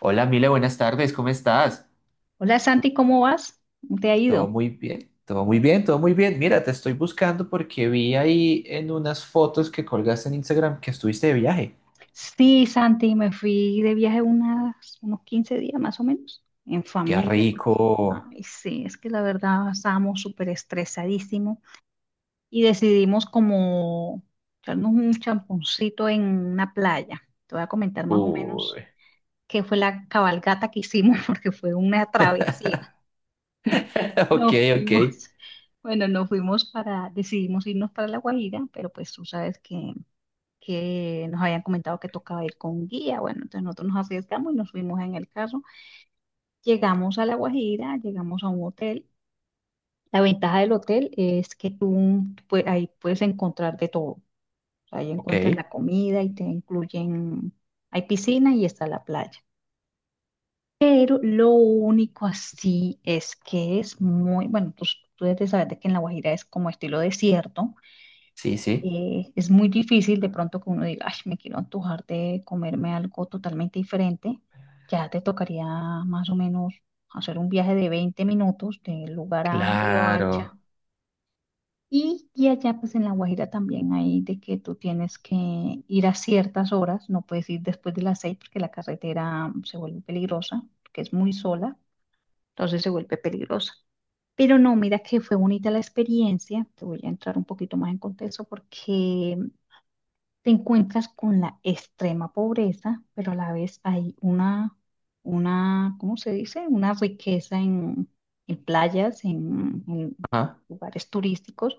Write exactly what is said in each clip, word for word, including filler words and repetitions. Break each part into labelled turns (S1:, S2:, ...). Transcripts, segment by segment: S1: Hola, Mile, buenas tardes, ¿cómo estás?
S2: Hola Santi, ¿cómo vas? ¿Cómo ¿Te ha
S1: Todo
S2: ido?
S1: muy bien, todo muy bien, todo muy bien. Mira, te estoy buscando porque vi ahí en unas fotos que colgaste en Instagram que estuviste de viaje.
S2: Sí, Santi, me fui de viaje unas, unos quince días más o menos, en
S1: Qué
S2: familia, porque,
S1: rico.
S2: ay, sí, es que la verdad estábamos súper estresadísimos y decidimos como echarnos un champoncito en una playa. Te voy a comentar más o menos
S1: Uy.
S2: qué fue la cabalgata que hicimos, porque fue una travesía.
S1: Ok,
S2: Nos
S1: ok,
S2: fuimos, bueno, nos fuimos para, decidimos irnos para La Guajira, pero pues tú sabes que que nos habían comentado que tocaba ir con guía. Bueno, entonces nosotros nos arriesgamos y nos fuimos en el carro. Llegamos a La Guajira, llegamos a un hotel. La ventaja del hotel es que tú, pues, ahí puedes encontrar de todo. O sea, ahí encuentras
S1: ok.
S2: la comida y te incluyen, hay piscina y está la playa. Pero lo único así es que es muy, bueno, pues tú debes de saber de que en La Guajira es como estilo desierto.
S1: Sí, sí.
S2: Eh, es muy difícil de pronto que uno diga, ay, me quiero antojar de comerme algo totalmente diferente. Ya te tocaría más o menos hacer un viaje de veinte minutos del lugar a Riohacha.
S1: Claro.
S2: Y, y allá pues en La Guajira también hay de que tú tienes que ir a ciertas horas, no puedes ir después de las seis porque la carretera mm, se vuelve peligrosa, porque es muy sola, entonces se vuelve peligrosa. Pero no, mira que fue bonita la experiencia. Te voy a entrar un poquito más en contexto porque te encuentras con la extrema pobreza, pero a la vez hay una, una, ¿cómo se dice? Una riqueza en, en playas, en, en
S1: Ajá.
S2: lugares turísticos,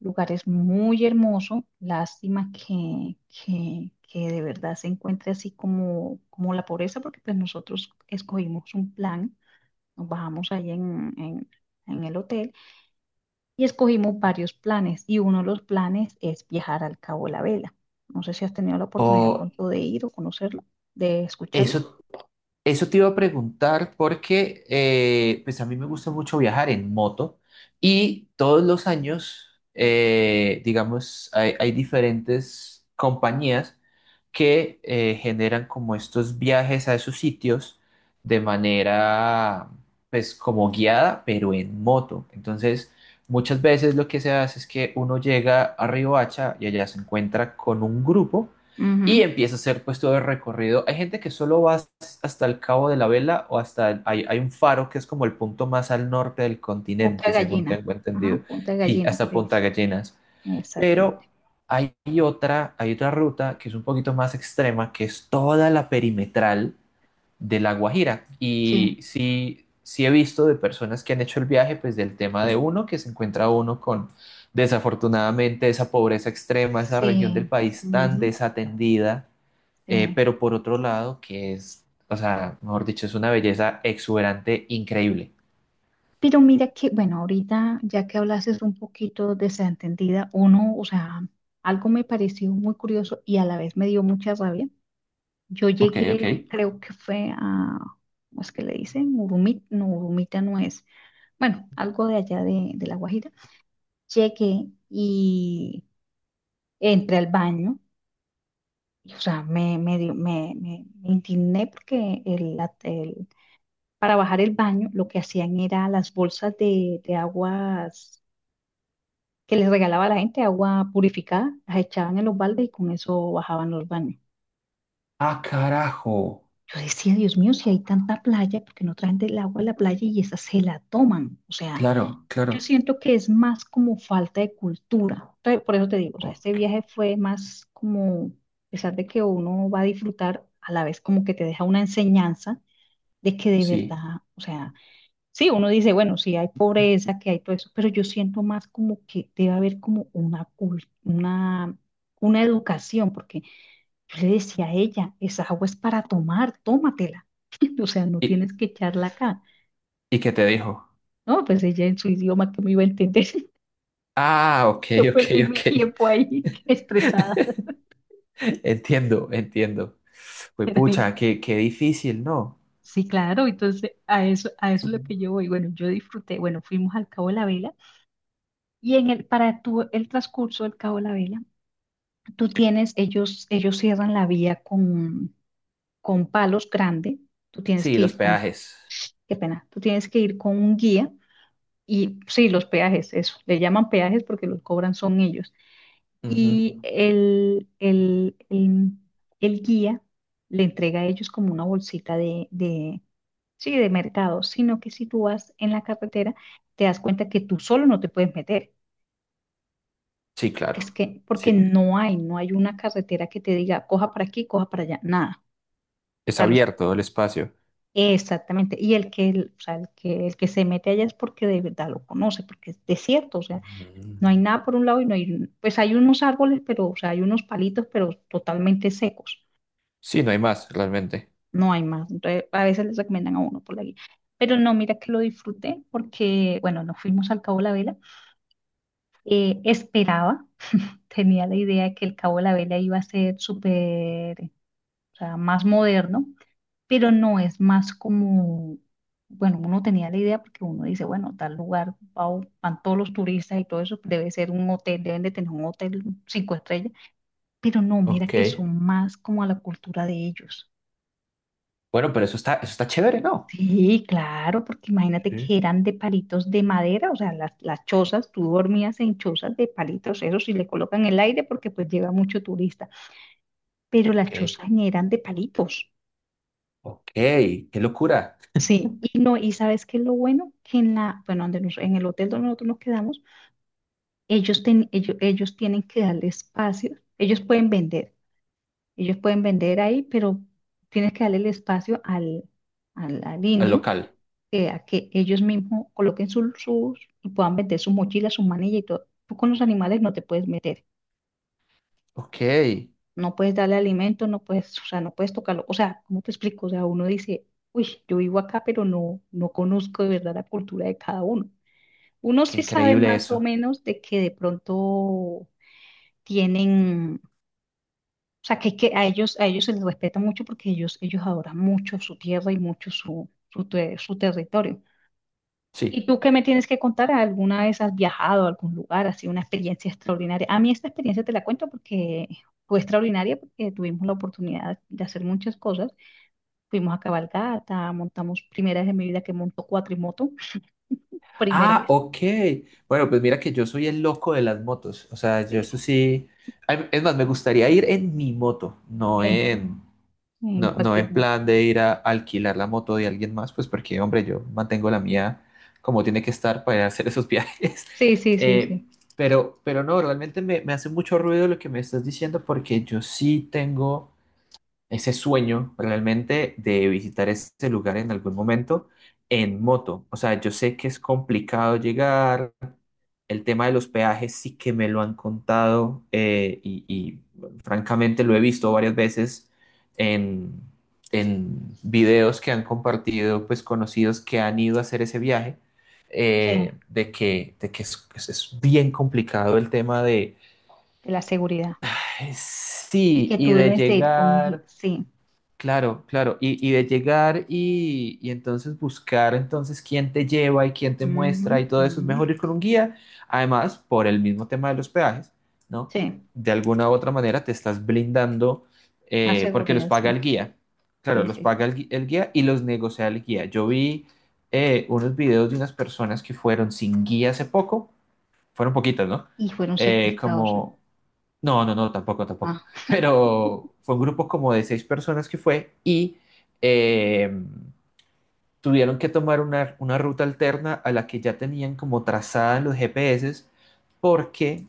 S2: lugares muy hermosos. Lástima que, que, que de verdad se encuentre así como, como la pobreza, porque pues nosotros escogimos un plan, nos bajamos ahí en, en en el hotel y escogimos varios planes y uno de los planes es viajar al Cabo La Vela. No sé si has tenido la oportunidad
S1: O
S2: pronto de ir o conocerlo, de escucharlo.
S1: eso, Eso te iba a preguntar porque eh, pues a mí me gusta mucho viajar en moto y todos los años, eh, digamos, hay, hay diferentes compañías que eh, generan como estos viajes a esos sitios de manera, pues como guiada, pero en moto. Entonces, muchas veces lo que se hace es que uno llega a Riohacha y allá se encuentra con un grupo y
S2: Ujú.
S1: empieza a hacer pues todo el recorrido. Hay gente que solo va hasta el Cabo de la Vela o hasta, el- hay, hay un faro que es como el punto más al norte del
S2: Punta
S1: continente, según
S2: Gallina,
S1: tengo entendido.
S2: ajá, Punta
S1: Sí,
S2: Gallina que
S1: hasta
S2: le
S1: Punta
S2: dice,
S1: Gallinas. Pero
S2: exactamente.
S1: hay otra, hay otra ruta que es un poquito más extrema, que es toda la perimetral de La Guajira.
S2: Sí,
S1: Y sí, sí he visto de personas que han hecho el viaje, pues del tema de uno, que se encuentra uno con desafortunadamente esa pobreza extrema, esa región del
S2: sí,
S1: país tan
S2: ujú,
S1: desatendida, eh,
S2: sí.
S1: pero por otro lado, que es, o sea, mejor dicho, es una belleza exuberante, increíble.
S2: Pero mira que, bueno, ahorita ya que hablases un poquito de Santa entendida uno, o sea, algo me pareció muy curioso y a la vez me dio mucha rabia. Yo
S1: Ok, ok.
S2: llegué, creo que fue a, ¿cómo es que le dicen? Urumita, no, Urumita no es. Bueno, algo de allá de, de La Guajira. Llegué y entré al baño. Y, o sea, me, me, dio- me, me- me indigné porque el, la- el- para bajar el baño lo que hacían era las bolsas de, de aguas que les regalaba la gente, agua purificada, las echaban en los baldes y con eso bajaban los baños.
S1: Ah, carajo.
S2: Yo decía, Dios mío, si hay tanta playa, ¿por qué no traen del agua a la playa y esa se la toman? O sea,
S1: Claro, claro.
S2: yo siento que es más como falta de cultura. Te- Por eso te digo, o sea, este
S1: Ok,
S2: viaje fue más como, a pesar de que uno va a disfrutar, a la vez como que te deja una enseñanza de que de
S1: sí.
S2: verdad, o sea, sí, uno dice, bueno, sí hay pobreza, que hay todo eso, pero yo siento más como que debe haber como una, cul- una, una educación, porque yo le decía a ella, esa agua es para tomar, tómatela. O sea, no
S1: ¿Y,
S2: tienes que echarla acá.
S1: y qué te dijo?
S2: No, pues ella en su idioma que me iba a entender.
S1: Ah, ok,
S2: Yo
S1: ok,
S2: perdí mi
S1: ok.
S2: tiempo ahí estresada.
S1: Entiendo, entiendo. Pues pucha, qué, qué difícil, ¿no?
S2: Sí, claro, entonces a eso, a eso, es lo que yo voy. Bueno, yo disfruté, bueno, fuimos al Cabo de la Vela y en el, para tu, el transcurso del Cabo de la Vela, tú tienes, ellos, ellos cierran la vía con, con palos grandes, tú tienes
S1: Sí,
S2: que
S1: los
S2: ir con,
S1: peajes.
S2: qué pena, tú tienes que ir con un guía. Y sí, los peajes, eso, le llaman peajes porque los cobran son ellos.
S1: Ujú.
S2: Y el, el, el, el guía le entrega a ellos como una bolsita de, de, sí, de mercado, sino que si tú vas en la carretera, te das cuenta que tú solo no te puedes meter.
S1: Sí, claro.
S2: Es que, porque
S1: Sí,
S2: no hay, no hay una carretera que te diga, coja para aquí, coja para allá, nada. O
S1: es
S2: sea, los,
S1: abierto el espacio.
S2: exactamente. Y el que, el- o sea, el que, el que se mete allá es porque de verdad lo conoce, porque es desierto, o sea. No hay
S1: Mm.
S2: nada por un lado y no hay, pues hay unos árboles, pero, o sea, hay unos palitos, pero totalmente secos.
S1: Sí, no hay más, realmente.
S2: No hay más. Entonces, a veces les recomiendan a uno por la guía. Pero no, mira que lo disfruté porque, bueno, nos fuimos al Cabo de la Vela. Eh, esperaba, tenía la idea de que el Cabo de la Vela iba a ser súper, o sea, más moderno, pero no es más como, bueno, uno tenía la idea porque uno dice, bueno, tal lugar, va- van todos los turistas y todo eso, debe ser un hotel, deben de tener un hotel cinco estrellas. Pero no, mira
S1: Ok.
S2: que son más como a la cultura de ellos.
S1: Bueno, pero eso está, eso está chévere, ¿no?
S2: Sí, claro, porque imagínate
S1: Sí.
S2: que eran de palitos de madera, o sea, las, las chozas, tú dormías en chozas de palitos, eso sí le colocan el aire porque pues llega mucho turista, pero las
S1: Ok.
S2: chozas eran de palitos.
S1: Ok, qué locura.
S2: Sí, y no, y sabes qué es lo bueno, que en la, bueno, donde nos- en el hotel donde nosotros nos quedamos, ellos, ten- ellos, ellos tienen que darle espacio, ellos pueden vender, ellos pueden vender ahí, pero tienes que darle el espacio al, al, al
S1: El
S2: indio,
S1: local.
S2: eh, a que ellos mismos coloquen sus, sus, y puedan meter sus mochilas, sus manillas y todo. Tú con los animales no te puedes meter,
S1: Ok, qué
S2: no puedes darle alimento, no puedes, o sea, no puedes tocarlo. O sea, ¿cómo te explico? O sea, uno dice, uy, yo vivo acá, pero no, no conozco de verdad la cultura de cada uno. Uno sí sabe
S1: increíble
S2: más o
S1: eso.
S2: menos de que de pronto tienen, o sea, que, que a ellos, a ellos, se les respeta mucho porque ellos, ellos adoran mucho su tierra y mucho su, su, te- su territorio. ¿Y
S1: Sí.
S2: tú qué me tienes que contar? ¿Alguna vez has viajado a algún lugar, así una experiencia extraordinaria? A mí esta experiencia te la cuento porque fue extraordinaria porque tuvimos la oportunidad de hacer muchas cosas. Fuimos a cabalgata, montamos primera vez en mi vida que monto cuatrimoto, primera
S1: Ah,
S2: vez,
S1: ok. Bueno, pues mira que yo soy el loco de las motos. O sea, yo
S2: sí,
S1: eso sí. Ay, es más, me gustaría ir en mi moto, no
S2: en,
S1: en,
S2: en
S1: no, no
S2: cualquier
S1: en
S2: moto.
S1: plan de ir a alquilar la moto de alguien más, pues porque, hombre, yo mantengo la mía como tiene que estar para ir a hacer esos viajes.
S2: Sí, sí, sí,
S1: Eh,
S2: sí,
S1: pero, pero no, realmente me, me hace mucho ruido lo que me estás diciendo porque yo sí tengo ese sueño realmente de visitar ese lugar en algún momento en moto. O sea, yo sé que es complicado llegar, el tema de los peajes sí que me lo han contado eh, y, y, francamente lo he visto varias veces en, en videos que han compartido pues conocidos que han ido a hacer ese viaje. eh,
S2: sí,
S1: de que, de que es, pues, es bien complicado el tema de
S2: de la seguridad. Y
S1: sí
S2: que
S1: y
S2: tú
S1: de
S2: debes de ir con guía,
S1: llegar.
S2: sí,
S1: Claro, claro. Y, y de llegar y, y entonces buscar entonces quién te lleva y quién te
S2: ujú,
S1: muestra y todo eso, es
S2: ujú,
S1: mejor ir con un guía. Además, por el mismo tema de los peajes, ¿no?
S2: sí,
S1: De alguna u otra manera te estás blindando
S2: más
S1: eh, porque los
S2: seguridad,
S1: paga
S2: sí,
S1: el guía. Claro,
S2: sí,
S1: los
S2: sí,
S1: paga
S2: sí.
S1: el, gui- el guía y los negocia el guía. Yo vi eh, unos videos de unas personas que fueron sin guía hace poco, fueron poquitas, ¿no?
S2: Y fueron
S1: Eh,
S2: secuestrados, ¿no?
S1: como no, no, no, tampoco, tampoco.
S2: Ah,
S1: Pero fue un grupo como de seis personas que fue y eh, tuvieron que tomar una, una ruta alterna a la que ya tenían como trazada en los G P S porque,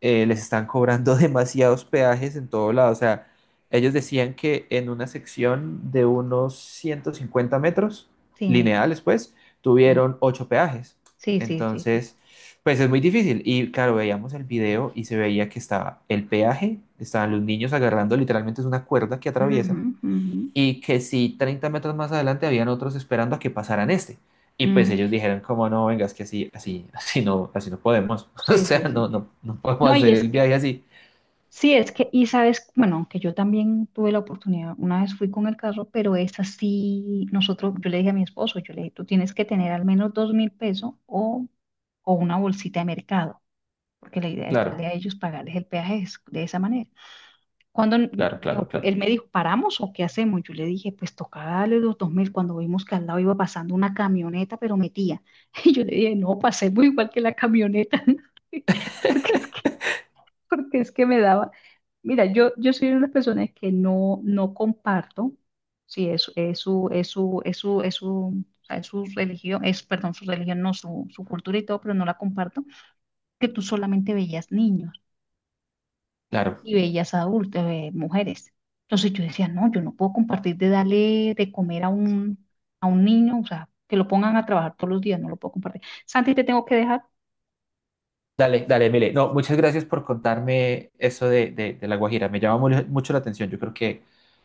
S1: eh, les están cobrando demasiados peajes en todo lado. O sea, ellos decían que en una sección de unos ciento cincuenta metros
S2: sí,
S1: lineales, pues,
S2: sí.
S1: tuvieron ocho peajes.
S2: Sí, sí, sí, sí.
S1: Entonces, pues es muy difícil. Y claro, veíamos el video y se veía que estaba el peaje, estaban los niños agarrando literalmente es una cuerda que
S2: Ujú,
S1: atraviesan
S2: ujú,
S1: y que si treinta metros más adelante habían otros esperando a que pasaran este. Y pues
S2: ujú.
S1: ellos dijeron, como no, venga, es que así, así, así no, así no podemos. O
S2: Sí,
S1: sea,
S2: sí,
S1: no,
S2: sí.
S1: no, no podemos
S2: No, y
S1: hacer
S2: es
S1: el
S2: que,
S1: viaje así.
S2: sí, es que, y sabes, bueno, aunque yo también tuve la oportunidad, una vez fui con el carro, pero es así, nosotros, yo le dije a mi esposo, yo le dije, tú tienes que tener al menos dos mil pesos o, o una bolsita de mercado, porque la idea es darle
S1: Claro,
S2: a ellos pagarles el peaje es- de esa manera. Cuando
S1: claro, claro,
S2: él
S1: claro,
S2: me dijo, ¿paramos o qué hacemos? Yo le dije, pues tocaba darle los dos mil. Cuando vimos que al lado iba pasando una camioneta, pero metía. Y yo le dije, no, pasemos igual que la camioneta, porque es que, porque es que me daba. Mira, yo, yo soy una de las personas que no, no comparto, sí, es, es su, es su, es su, es su, o sea, es su religión, es, perdón, su religión, no, su, su cultura y todo, pero no la comparto, que tú solamente veías niños
S1: claro.
S2: y bellas adultas, eh, mujeres. Entonces yo decía, no, yo no puedo compartir de darle de comer a un, a un, niño, o sea, que lo pongan a trabajar todos los días, no lo puedo compartir. Santi, te tengo que dejar.
S1: Dale, dale, Emile. No, muchas gracias por contarme eso de, de, de La Guajira. Me llama mu- mucho la atención. Yo creo que,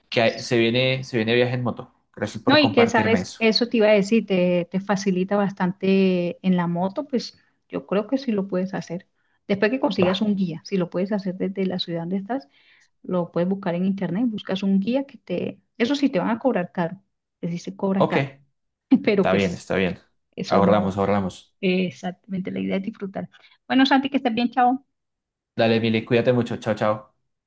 S1: que hay- se
S2: Sí.
S1: viene, se viene viaje en moto. Gracias
S2: No,
S1: por
S2: y que
S1: compartirme
S2: sabes,
S1: eso.
S2: eso te iba a decir, te, te facilita bastante en la moto, pues yo creo que sí lo puedes hacer. Después que
S1: Va.
S2: consigas un guía, si lo puedes hacer desde la ciudad donde estás, lo puedes buscar en internet, buscas un guía que te, eso sí te van a cobrar caro, es decir, se cobran
S1: Ok,
S2: caro, pero
S1: está bien,
S2: pues
S1: está bien.
S2: eso no.
S1: Ahorramos, ahorramos.
S2: Exactamente, la idea es disfrutar. Bueno, Santi, que estés bien, chao.
S1: Dale, Emile, cuídate mucho. Chao, chao.